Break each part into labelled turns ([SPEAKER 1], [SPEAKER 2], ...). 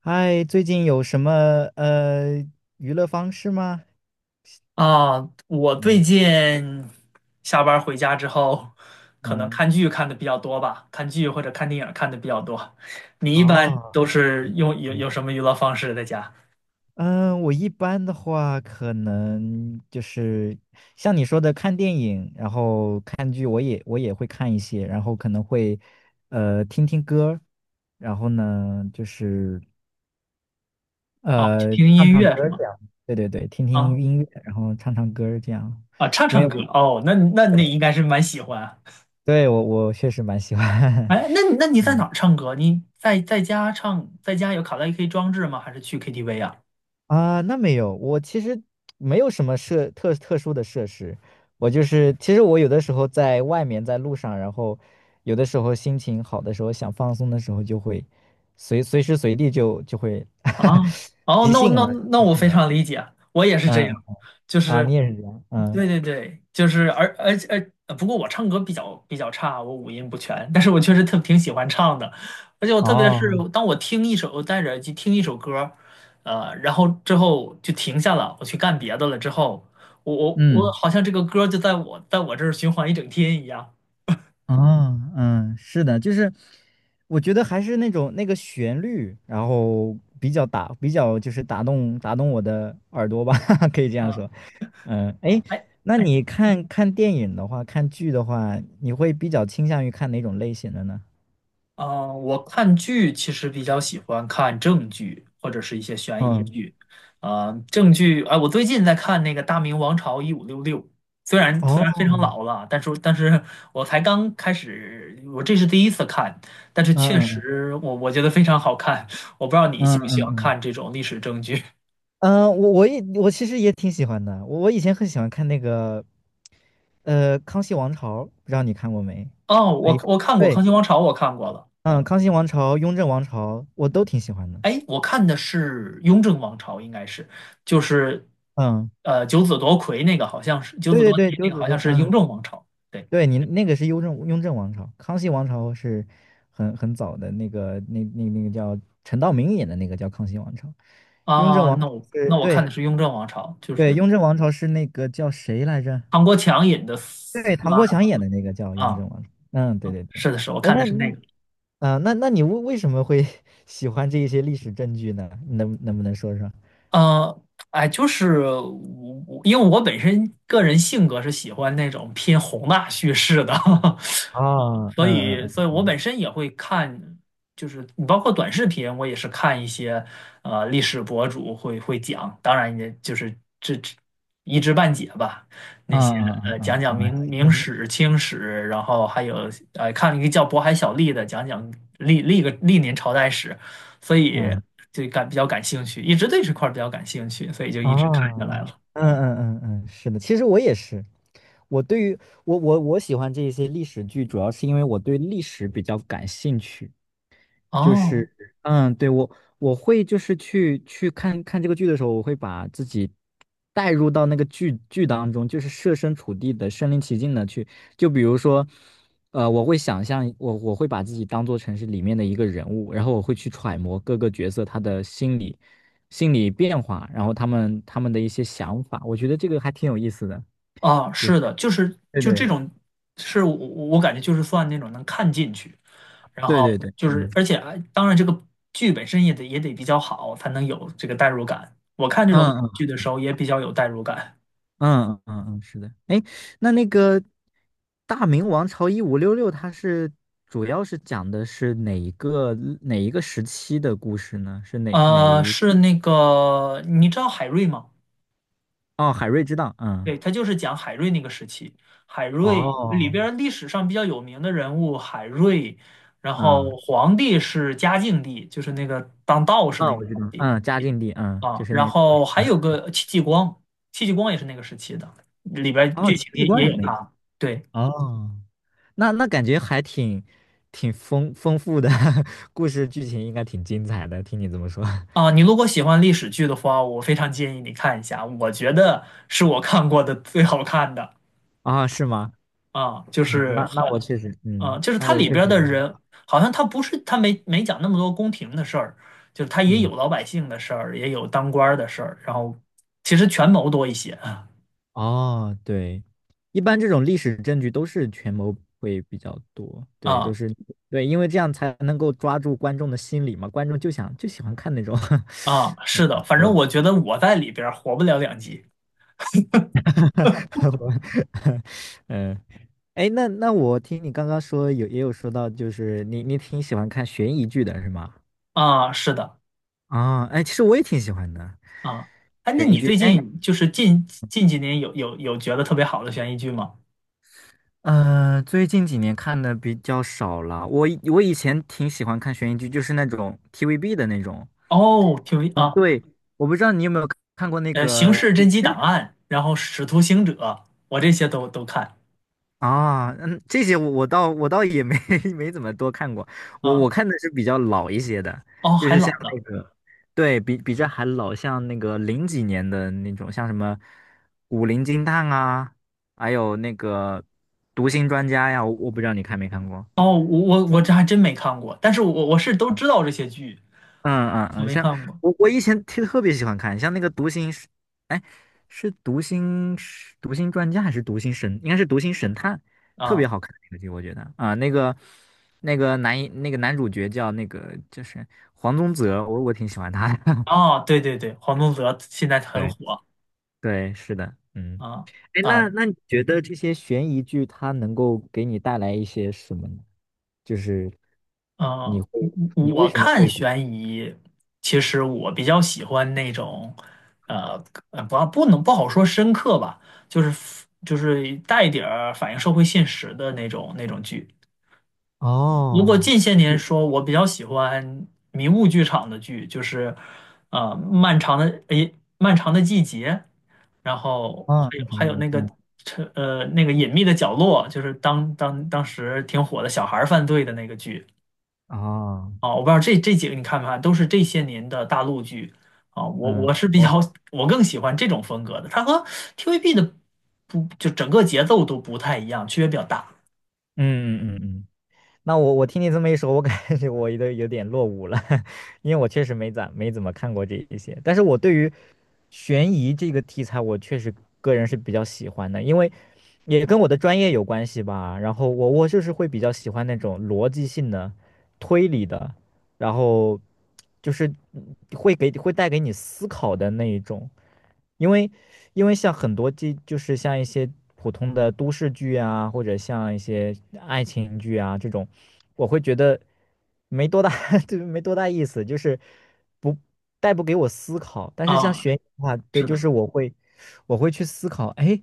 [SPEAKER 1] 嗨，最近有什么呃娱乐方式吗？
[SPEAKER 2] 啊，我最
[SPEAKER 1] 嗯
[SPEAKER 2] 近下班儿回家之后，可能
[SPEAKER 1] 嗯
[SPEAKER 2] 看剧看的比较多吧，看剧或者看电影儿看的比较多。你一般
[SPEAKER 1] 哦，
[SPEAKER 2] 都是
[SPEAKER 1] 嗯，
[SPEAKER 2] 有什么娱乐方式在家？
[SPEAKER 1] 嗯我一般的话，可能就是像你说的看电影，然后看剧，我也会看一些，然后可能会听听歌，然后呢就是
[SPEAKER 2] 啊，听
[SPEAKER 1] 唱
[SPEAKER 2] 音
[SPEAKER 1] 唱
[SPEAKER 2] 乐是
[SPEAKER 1] 歌这
[SPEAKER 2] 吗？
[SPEAKER 1] 样，对对对，听听
[SPEAKER 2] 啊
[SPEAKER 1] 音乐，然后唱唱歌这样，
[SPEAKER 2] 啊，唱
[SPEAKER 1] 因为
[SPEAKER 2] 唱
[SPEAKER 1] 我
[SPEAKER 2] 歌哦，那你
[SPEAKER 1] 对
[SPEAKER 2] 应该是蛮喜欢。
[SPEAKER 1] 对我确实蛮喜欢，
[SPEAKER 2] 哎，那你 在哪
[SPEAKER 1] 嗯。
[SPEAKER 2] 儿唱歌？你在家唱，在家有卡拉 OK 装置吗？还是去 KTV 啊？
[SPEAKER 1] 啊，那没有，我其实没有什么设特殊的设施，我就是其实我有的时候在外面在路上，然后有的时候心情好的时候想放松的时候，就会随时随地就会
[SPEAKER 2] 啊，哦，
[SPEAKER 1] 即
[SPEAKER 2] 那我
[SPEAKER 1] 兴
[SPEAKER 2] 那
[SPEAKER 1] 而
[SPEAKER 2] 那
[SPEAKER 1] 即
[SPEAKER 2] 我
[SPEAKER 1] 兴
[SPEAKER 2] 非
[SPEAKER 1] 而
[SPEAKER 2] 常理解，我也是这
[SPEAKER 1] 嗯
[SPEAKER 2] 样，就
[SPEAKER 1] 啊，你
[SPEAKER 2] 是，
[SPEAKER 1] 也是这样嗯
[SPEAKER 2] 对对对，就是，而且，不过我唱歌比较差，我五音不全，但是我确实特挺喜欢唱的，而且我特别是
[SPEAKER 1] 哦
[SPEAKER 2] 当我听一首，我戴着耳机听一首歌，然后之后就停下了，我去干别的了之后，我
[SPEAKER 1] 嗯
[SPEAKER 2] 好像这个歌就在我这儿循环一整天一样。
[SPEAKER 1] 哦嗯是的，就是我觉得还是那种那个旋律，然后比较打比较就是打动我的耳朵吧，可以这样
[SPEAKER 2] 啊
[SPEAKER 1] 说。嗯，哎，
[SPEAKER 2] 啊，哎。
[SPEAKER 1] 那你
[SPEAKER 2] 嗯
[SPEAKER 1] 看看电影的话，看剧的话，你会比较倾向于看哪种类型的呢？
[SPEAKER 2] 啊，我看剧其实比较喜欢看正剧或者是一些悬疑
[SPEAKER 1] 嗯，
[SPEAKER 2] 剧。啊、正剧，哎、我最近在看那个《大明王朝1566》，虽然非常
[SPEAKER 1] 哦，
[SPEAKER 2] 老了，但是我才刚开始，我这是第一次看，但是
[SPEAKER 1] 嗯
[SPEAKER 2] 确
[SPEAKER 1] 嗯
[SPEAKER 2] 实我觉得非常好看。我不知道你喜
[SPEAKER 1] 嗯
[SPEAKER 2] 不
[SPEAKER 1] 嗯，
[SPEAKER 2] 喜欢
[SPEAKER 1] 嗯
[SPEAKER 2] 看这种历史正剧？
[SPEAKER 1] 嗯，我其实也挺喜欢的，我我以前很喜欢看那个《康熙王朝》，不知道你看过没？
[SPEAKER 2] 哦，
[SPEAKER 1] 还
[SPEAKER 2] 我
[SPEAKER 1] 有
[SPEAKER 2] 我看过《康
[SPEAKER 1] 对，
[SPEAKER 2] 熙王朝》，我看过了。
[SPEAKER 1] 嗯，《康熙王朝》《雍正王朝》我都挺喜欢的。
[SPEAKER 2] 哎，我看的是雍正王朝，应该是就是，
[SPEAKER 1] 嗯，
[SPEAKER 2] 九子夺魁那个好像是九
[SPEAKER 1] 对
[SPEAKER 2] 子
[SPEAKER 1] 对
[SPEAKER 2] 夺嫡
[SPEAKER 1] 对，
[SPEAKER 2] 那
[SPEAKER 1] 九
[SPEAKER 2] 个
[SPEAKER 1] 子
[SPEAKER 2] 好
[SPEAKER 1] 都，
[SPEAKER 2] 像是雍
[SPEAKER 1] 嗯。
[SPEAKER 2] 正王朝。对
[SPEAKER 1] 对你那个是雍正王朝，康熙王朝是很早的那个那个叫陈道明演的那个叫康熙王朝，雍正
[SPEAKER 2] 啊，
[SPEAKER 1] 王朝
[SPEAKER 2] 那我
[SPEAKER 1] 是
[SPEAKER 2] 那我看
[SPEAKER 1] 对
[SPEAKER 2] 的是雍正王朝，就
[SPEAKER 1] 对
[SPEAKER 2] 是
[SPEAKER 1] 雍正王朝是那个叫谁来着？
[SPEAKER 2] 唐国强引的四
[SPEAKER 1] 对，唐国
[SPEAKER 2] 阿
[SPEAKER 1] 强
[SPEAKER 2] 哥。
[SPEAKER 1] 演的那个叫雍
[SPEAKER 2] 啊，
[SPEAKER 1] 正王朝。嗯，对对对。
[SPEAKER 2] 是的是，我
[SPEAKER 1] 哎，
[SPEAKER 2] 看的
[SPEAKER 1] 那
[SPEAKER 2] 是那
[SPEAKER 1] 那
[SPEAKER 2] 个。
[SPEAKER 1] 啊、那那你为什么会 喜欢这一些历史证据呢？能不能说说？
[SPEAKER 2] 呃，哎，就是我因为我本身个人性格是喜欢那种偏宏大叙事的，
[SPEAKER 1] 哦，
[SPEAKER 2] 所
[SPEAKER 1] 嗯
[SPEAKER 2] 以，
[SPEAKER 1] 嗯
[SPEAKER 2] 所以
[SPEAKER 1] 嗯
[SPEAKER 2] 我本身也会看，就是你包括短视频，我也是看一些历史博主会讲，当然也就是这一知半解吧，那
[SPEAKER 1] 嗯
[SPEAKER 2] 些
[SPEAKER 1] 嗯
[SPEAKER 2] 讲
[SPEAKER 1] 嗯
[SPEAKER 2] 讲
[SPEAKER 1] 嗯
[SPEAKER 2] 明
[SPEAKER 1] 嗯
[SPEAKER 2] 明史、清史，然后还有看一个叫渤海小吏的讲讲历年朝代史，所以
[SPEAKER 1] 嗯。
[SPEAKER 2] 就比较感兴趣，一直对这块儿比较感兴趣，所以就一直看
[SPEAKER 1] 啊，
[SPEAKER 2] 下来
[SPEAKER 1] 嗯
[SPEAKER 2] 了。
[SPEAKER 1] 嗯嗯嗯，是的，其实我也是，我对于我喜欢这一些历史剧，主要是因为我对历史比较感兴趣。就
[SPEAKER 2] 哦，
[SPEAKER 1] 是，嗯，对，我我会就是去看看这个剧的时候，我会把自己带入到那个剧当中，就是设身处地的、身临其境的去，就比如说，我会想象我会把自己当做成是里面的一个人物，然后我会去揣摩各个角色他的心理变化，然后他们的一些想法，我觉得这个还挺有意思的，
[SPEAKER 2] 啊，
[SPEAKER 1] 就是
[SPEAKER 2] 是的，就是
[SPEAKER 1] 对
[SPEAKER 2] 就这
[SPEAKER 1] 对
[SPEAKER 2] 种，是我感觉就是算那种能看进去，然
[SPEAKER 1] 对
[SPEAKER 2] 后
[SPEAKER 1] 对对，
[SPEAKER 2] 就
[SPEAKER 1] 嗯
[SPEAKER 2] 是而且哎当然这个剧本身也得比较好，才能有这个代入感。我看这种
[SPEAKER 1] 嗯
[SPEAKER 2] 剧的时候也比较有代入感。
[SPEAKER 1] 嗯嗯嗯，嗯是的。哎，那那个《大明王朝一五六六》，它是主要是讲的是哪一个时期的故事呢？是哪哪一？
[SPEAKER 2] 是那个你知道海瑞吗？
[SPEAKER 1] 哦，海瑞之荡，嗯，
[SPEAKER 2] 对，他就是讲海瑞那个时期，海瑞里
[SPEAKER 1] 哦，
[SPEAKER 2] 边儿历史上比较有名的人物，海瑞，然
[SPEAKER 1] 嗯，
[SPEAKER 2] 后皇帝是嘉靖帝，就是那个当道士
[SPEAKER 1] 啊，
[SPEAKER 2] 那
[SPEAKER 1] 我
[SPEAKER 2] 个
[SPEAKER 1] 知
[SPEAKER 2] 皇
[SPEAKER 1] 道，
[SPEAKER 2] 帝。
[SPEAKER 1] 嗯，嘉靖帝，嗯，就
[SPEAKER 2] 啊，
[SPEAKER 1] 是那
[SPEAKER 2] 然
[SPEAKER 1] 个时
[SPEAKER 2] 后还有个戚继光，戚继光也是那个时期的，里边儿
[SPEAKER 1] 哦，
[SPEAKER 2] 剧
[SPEAKER 1] 戚
[SPEAKER 2] 情
[SPEAKER 1] 继
[SPEAKER 2] 也
[SPEAKER 1] 光
[SPEAKER 2] 也
[SPEAKER 1] 也
[SPEAKER 2] 有
[SPEAKER 1] 可以。
[SPEAKER 2] 他。对
[SPEAKER 1] 哦，那那感觉还挺挺丰富的，故事剧情应该挺精彩的，听你这么说，
[SPEAKER 2] 啊，你如果喜欢历史剧的话，我非常建议你看一下，我觉得是我看过的最好看的。
[SPEAKER 1] 啊，是吗？
[SPEAKER 2] 啊，就
[SPEAKER 1] 嗯，
[SPEAKER 2] 是
[SPEAKER 1] 那
[SPEAKER 2] 很
[SPEAKER 1] 那我确实，
[SPEAKER 2] 啊，
[SPEAKER 1] 嗯，
[SPEAKER 2] 就是
[SPEAKER 1] 那
[SPEAKER 2] 它
[SPEAKER 1] 我
[SPEAKER 2] 里
[SPEAKER 1] 确实，
[SPEAKER 2] 边儿的人，好像他不是他没讲那么多宫廷的事儿，就是他也
[SPEAKER 1] 嗯。
[SPEAKER 2] 有老百姓的事儿，也有当官儿的事儿，然后其实权谋多一些啊。
[SPEAKER 1] 哦，对，一般这种历史证据都是权谋会比较多，对，都
[SPEAKER 2] 啊
[SPEAKER 1] 是对，因为这样才能够抓住观众的心理嘛，观众就想就喜欢看那种，
[SPEAKER 2] 啊，是的，反
[SPEAKER 1] 对
[SPEAKER 2] 正
[SPEAKER 1] 的，
[SPEAKER 2] 我觉得我在里边儿活不了两集。
[SPEAKER 1] 嗯，哎，那那我听你刚刚说有也有说到，就是你挺喜欢看悬疑剧的是吗？
[SPEAKER 2] 啊，是的。
[SPEAKER 1] 啊，哎，其实我也挺喜欢的
[SPEAKER 2] 啊，哎，那
[SPEAKER 1] 悬疑
[SPEAKER 2] 你
[SPEAKER 1] 剧，
[SPEAKER 2] 最
[SPEAKER 1] 哎，
[SPEAKER 2] 近就是近几年有觉得特别好的悬疑剧吗？
[SPEAKER 1] 最近几年看的比较少了，我以前挺喜欢看悬疑剧，就是那种 TVB 的那种。
[SPEAKER 2] 哦，挺有意啊，
[SPEAKER 1] 我不知道你有没有看过那
[SPEAKER 2] 刑
[SPEAKER 1] 个
[SPEAKER 2] 事
[SPEAKER 1] 影
[SPEAKER 2] 侦缉
[SPEAKER 1] 视
[SPEAKER 2] 档案》，然后《使徒行者》，我这些都看。
[SPEAKER 1] 啊，嗯，这些我倒也没 没怎么多看过，我我
[SPEAKER 2] 啊，
[SPEAKER 1] 看的是比较老一些的，
[SPEAKER 2] 哦，
[SPEAKER 1] 就
[SPEAKER 2] 还
[SPEAKER 1] 是像
[SPEAKER 2] 老呢。
[SPEAKER 1] 那个，对比这还老，像那个零几年的那种，像什么《古灵精探》啊，还有那个《读心专家》呀，我我不知道你看没看过
[SPEAKER 2] 哦，我这还真没看过，但是我是都知道这些剧，
[SPEAKER 1] 嗯嗯
[SPEAKER 2] 我
[SPEAKER 1] 嗯，
[SPEAKER 2] 没
[SPEAKER 1] 像
[SPEAKER 2] 看过。
[SPEAKER 1] 我我以前特别喜欢看，像那个《读心》是，哎，是《读心》是读心专家》还是《读心神》？应该是《读心神探》，特别
[SPEAKER 2] 啊
[SPEAKER 1] 好看那个剧，我觉得啊，那个那个男一那个男主角叫那个就是黄宗泽，我挺喜欢他的。
[SPEAKER 2] 啊，对对对，黄宗泽现在很
[SPEAKER 1] 对
[SPEAKER 2] 火。
[SPEAKER 1] 对，是的，嗯，
[SPEAKER 2] 啊
[SPEAKER 1] 哎，那
[SPEAKER 2] 啊
[SPEAKER 1] 那你觉得这些悬疑剧它能够给你带来一些什么呢？就是
[SPEAKER 2] 啊！
[SPEAKER 1] 你
[SPEAKER 2] 我
[SPEAKER 1] 会你为
[SPEAKER 2] 我
[SPEAKER 1] 什么
[SPEAKER 2] 看
[SPEAKER 1] 会
[SPEAKER 2] 悬疑，其实我比较喜欢那种，呃不能不好说深刻吧，就是带一点儿反映社会现实的那种剧。如果
[SPEAKER 1] 哦
[SPEAKER 2] 近些年说，我比较喜欢迷雾剧场的剧，就是漫长的季节，然后
[SPEAKER 1] 哦，
[SPEAKER 2] 还
[SPEAKER 1] 那
[SPEAKER 2] 有
[SPEAKER 1] 可
[SPEAKER 2] 还
[SPEAKER 1] 能
[SPEAKER 2] 有
[SPEAKER 1] 也
[SPEAKER 2] 那个
[SPEAKER 1] 嗯。
[SPEAKER 2] 呃那个隐秘的角落，就是当时挺火的小孩儿犯罪的那个剧。
[SPEAKER 1] 哦，
[SPEAKER 2] 啊，我不知道这几个你看没看，都是这些年的大陆剧。啊，我
[SPEAKER 1] 嗯，
[SPEAKER 2] 是比
[SPEAKER 1] 我，
[SPEAKER 2] 较，我更喜欢这种风格的，它和 TVB 的不就整个节奏都不太一样，区别比较大。
[SPEAKER 1] 嗯嗯嗯嗯，那我我听你这么一说，我感觉我都有点落伍了，因为我确实没怎么看过这一些，但是我对于悬疑这个题材，我确实个人是比较喜欢的，因为也跟我的专业有关系吧。然后我就是会比较喜欢那种逻辑性的、推理的。然后就是嗯会给会带给你思考的那一种，因为因为像很多这就是像一些普通的都市剧啊，或者像一些爱情剧啊这种，我会觉得没多大，就是没多大意思，就是不带不给我思考。但是像
[SPEAKER 2] 啊，
[SPEAKER 1] 悬疑的话，对，
[SPEAKER 2] 是
[SPEAKER 1] 就
[SPEAKER 2] 的，
[SPEAKER 1] 是我会去思考，哎，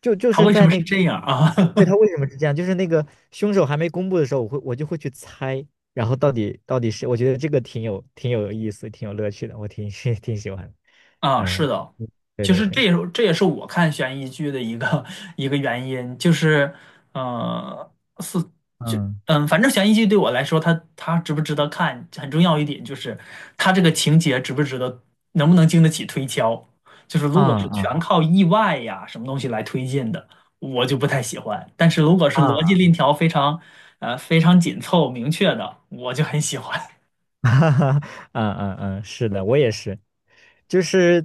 [SPEAKER 2] 它
[SPEAKER 1] 是
[SPEAKER 2] 为什
[SPEAKER 1] 在
[SPEAKER 2] 么是
[SPEAKER 1] 那。
[SPEAKER 2] 这样啊？
[SPEAKER 1] 对，他为什么是这样？就是那个凶手还没公布的时候，我就会去猜，然后到底是，我觉得这个挺有意思，挺有乐趣的，我挺 挺喜欢的。
[SPEAKER 2] 啊，是
[SPEAKER 1] 嗯，
[SPEAKER 2] 的，
[SPEAKER 1] 对
[SPEAKER 2] 其
[SPEAKER 1] 对
[SPEAKER 2] 实
[SPEAKER 1] 对，
[SPEAKER 2] 这也是我看悬疑剧的一个 一个原因，就是，呃，是就
[SPEAKER 1] 嗯
[SPEAKER 2] 反正悬疑剧对我来说，它值不值得看，很重要一点就是它这个情节值不值得，能不能经得起推敲。就是如果
[SPEAKER 1] 啊嗯
[SPEAKER 2] 是全
[SPEAKER 1] 啊
[SPEAKER 2] 靠意外呀什么东西来推进的，我就不太喜欢。但是如果是逻辑
[SPEAKER 1] 啊，
[SPEAKER 2] 链条非常非常紧凑明确的，我就很喜欢。
[SPEAKER 1] 哈哈，嗯嗯嗯，是的，我也是，就是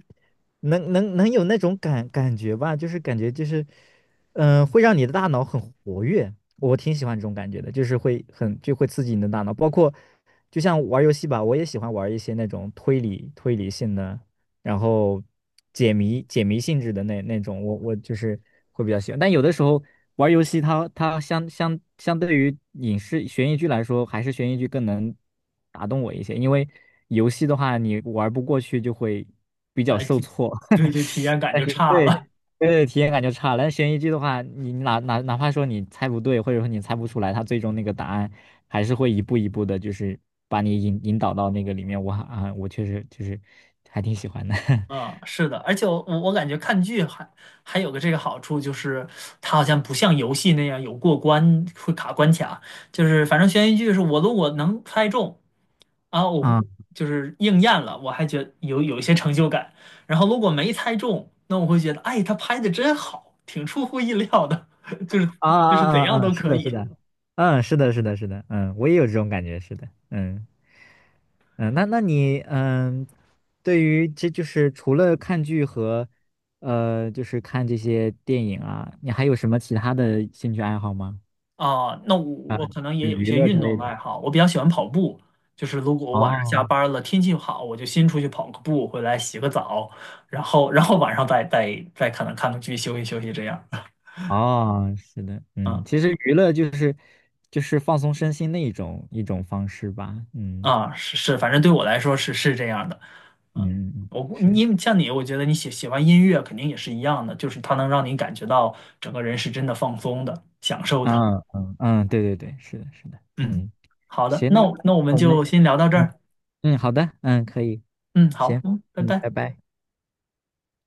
[SPEAKER 1] 能有那种感感觉吧，就是感觉就是，嗯、会让你的大脑很活跃，我挺喜欢这种感觉的，就是会很就会刺激你的大脑，包括就像玩游戏吧，我也喜欢玩一些那种推理性的。然后解谜性质的那那种，我我就是会比较喜欢。但有的时候玩游戏它，它相对于影视悬疑剧来说，还是悬疑剧更能打动我一些，因为游戏的话，你玩不过去就会比较
[SPEAKER 2] 哎，
[SPEAKER 1] 受
[SPEAKER 2] 就，
[SPEAKER 1] 挫。
[SPEAKER 2] 对，就体 验感
[SPEAKER 1] 但
[SPEAKER 2] 就
[SPEAKER 1] 是
[SPEAKER 2] 差
[SPEAKER 1] 对
[SPEAKER 2] 了。
[SPEAKER 1] 对对体验感就差了。但悬疑剧的话，你哪怕说你猜不对，或者说你猜不出来，它最终那个答案还是会一步一步的，就是把你引导到那个里面。我啊，我确实就是还挺喜欢的。
[SPEAKER 2] 嗯，是的，而且我感觉看剧还有个这个好处，就是它好像不像游戏那样有过关会卡关卡，就是反正悬疑剧是我如果能猜中啊，我会
[SPEAKER 1] 啊
[SPEAKER 2] 就是应验了，我还觉得有一些成就感。然后如果没猜中，那我会觉得，哎，他拍的真好，挺出乎意料的，就是
[SPEAKER 1] 啊
[SPEAKER 2] 就是怎
[SPEAKER 1] 啊啊
[SPEAKER 2] 样
[SPEAKER 1] 啊！
[SPEAKER 2] 都
[SPEAKER 1] 是
[SPEAKER 2] 可
[SPEAKER 1] 的，是
[SPEAKER 2] 以。
[SPEAKER 1] 的，嗯，是的，是的，是的，嗯，我也有这种感觉，是的，嗯嗯，那那你嗯，对于这就是除了看剧和就是看这些电影啊，你还有什么其他的兴趣爱好吗？
[SPEAKER 2] 啊，那我
[SPEAKER 1] 啊，
[SPEAKER 2] 我可能也
[SPEAKER 1] 就
[SPEAKER 2] 有一
[SPEAKER 1] 娱
[SPEAKER 2] 些
[SPEAKER 1] 乐之
[SPEAKER 2] 运
[SPEAKER 1] 类
[SPEAKER 2] 动的爱
[SPEAKER 1] 的。
[SPEAKER 2] 好，我比较喜欢跑步。就是如果我晚上下
[SPEAKER 1] 哦
[SPEAKER 2] 班了，天气好，我就先出去跑个步，回来洗个澡，然后晚上再可能看个剧，休息休息这样。
[SPEAKER 1] 哦，是的，嗯，
[SPEAKER 2] 嗯
[SPEAKER 1] 其实娱乐就是就是放松身心的一种方式吧，嗯
[SPEAKER 2] 啊，是是，反正对我来说是这样的。嗯，
[SPEAKER 1] 嗯嗯，
[SPEAKER 2] 我估
[SPEAKER 1] 是，
[SPEAKER 2] 你因为像你，我觉得你喜欢音乐肯定也是一样的，就是它能让你感觉到整个人是真的放松的、享受的。
[SPEAKER 1] 嗯嗯嗯，对对对，是的，是的，
[SPEAKER 2] 嗯，
[SPEAKER 1] 嗯，
[SPEAKER 2] 好的，
[SPEAKER 1] 行，
[SPEAKER 2] 那
[SPEAKER 1] 那
[SPEAKER 2] 我那我们
[SPEAKER 1] 我们，
[SPEAKER 2] 就先聊到这
[SPEAKER 1] 嗯
[SPEAKER 2] 儿。
[SPEAKER 1] 嗯，好的，嗯，可以，
[SPEAKER 2] 嗯，好，
[SPEAKER 1] 行，
[SPEAKER 2] 嗯，拜
[SPEAKER 1] 嗯，拜
[SPEAKER 2] 拜。
[SPEAKER 1] 拜。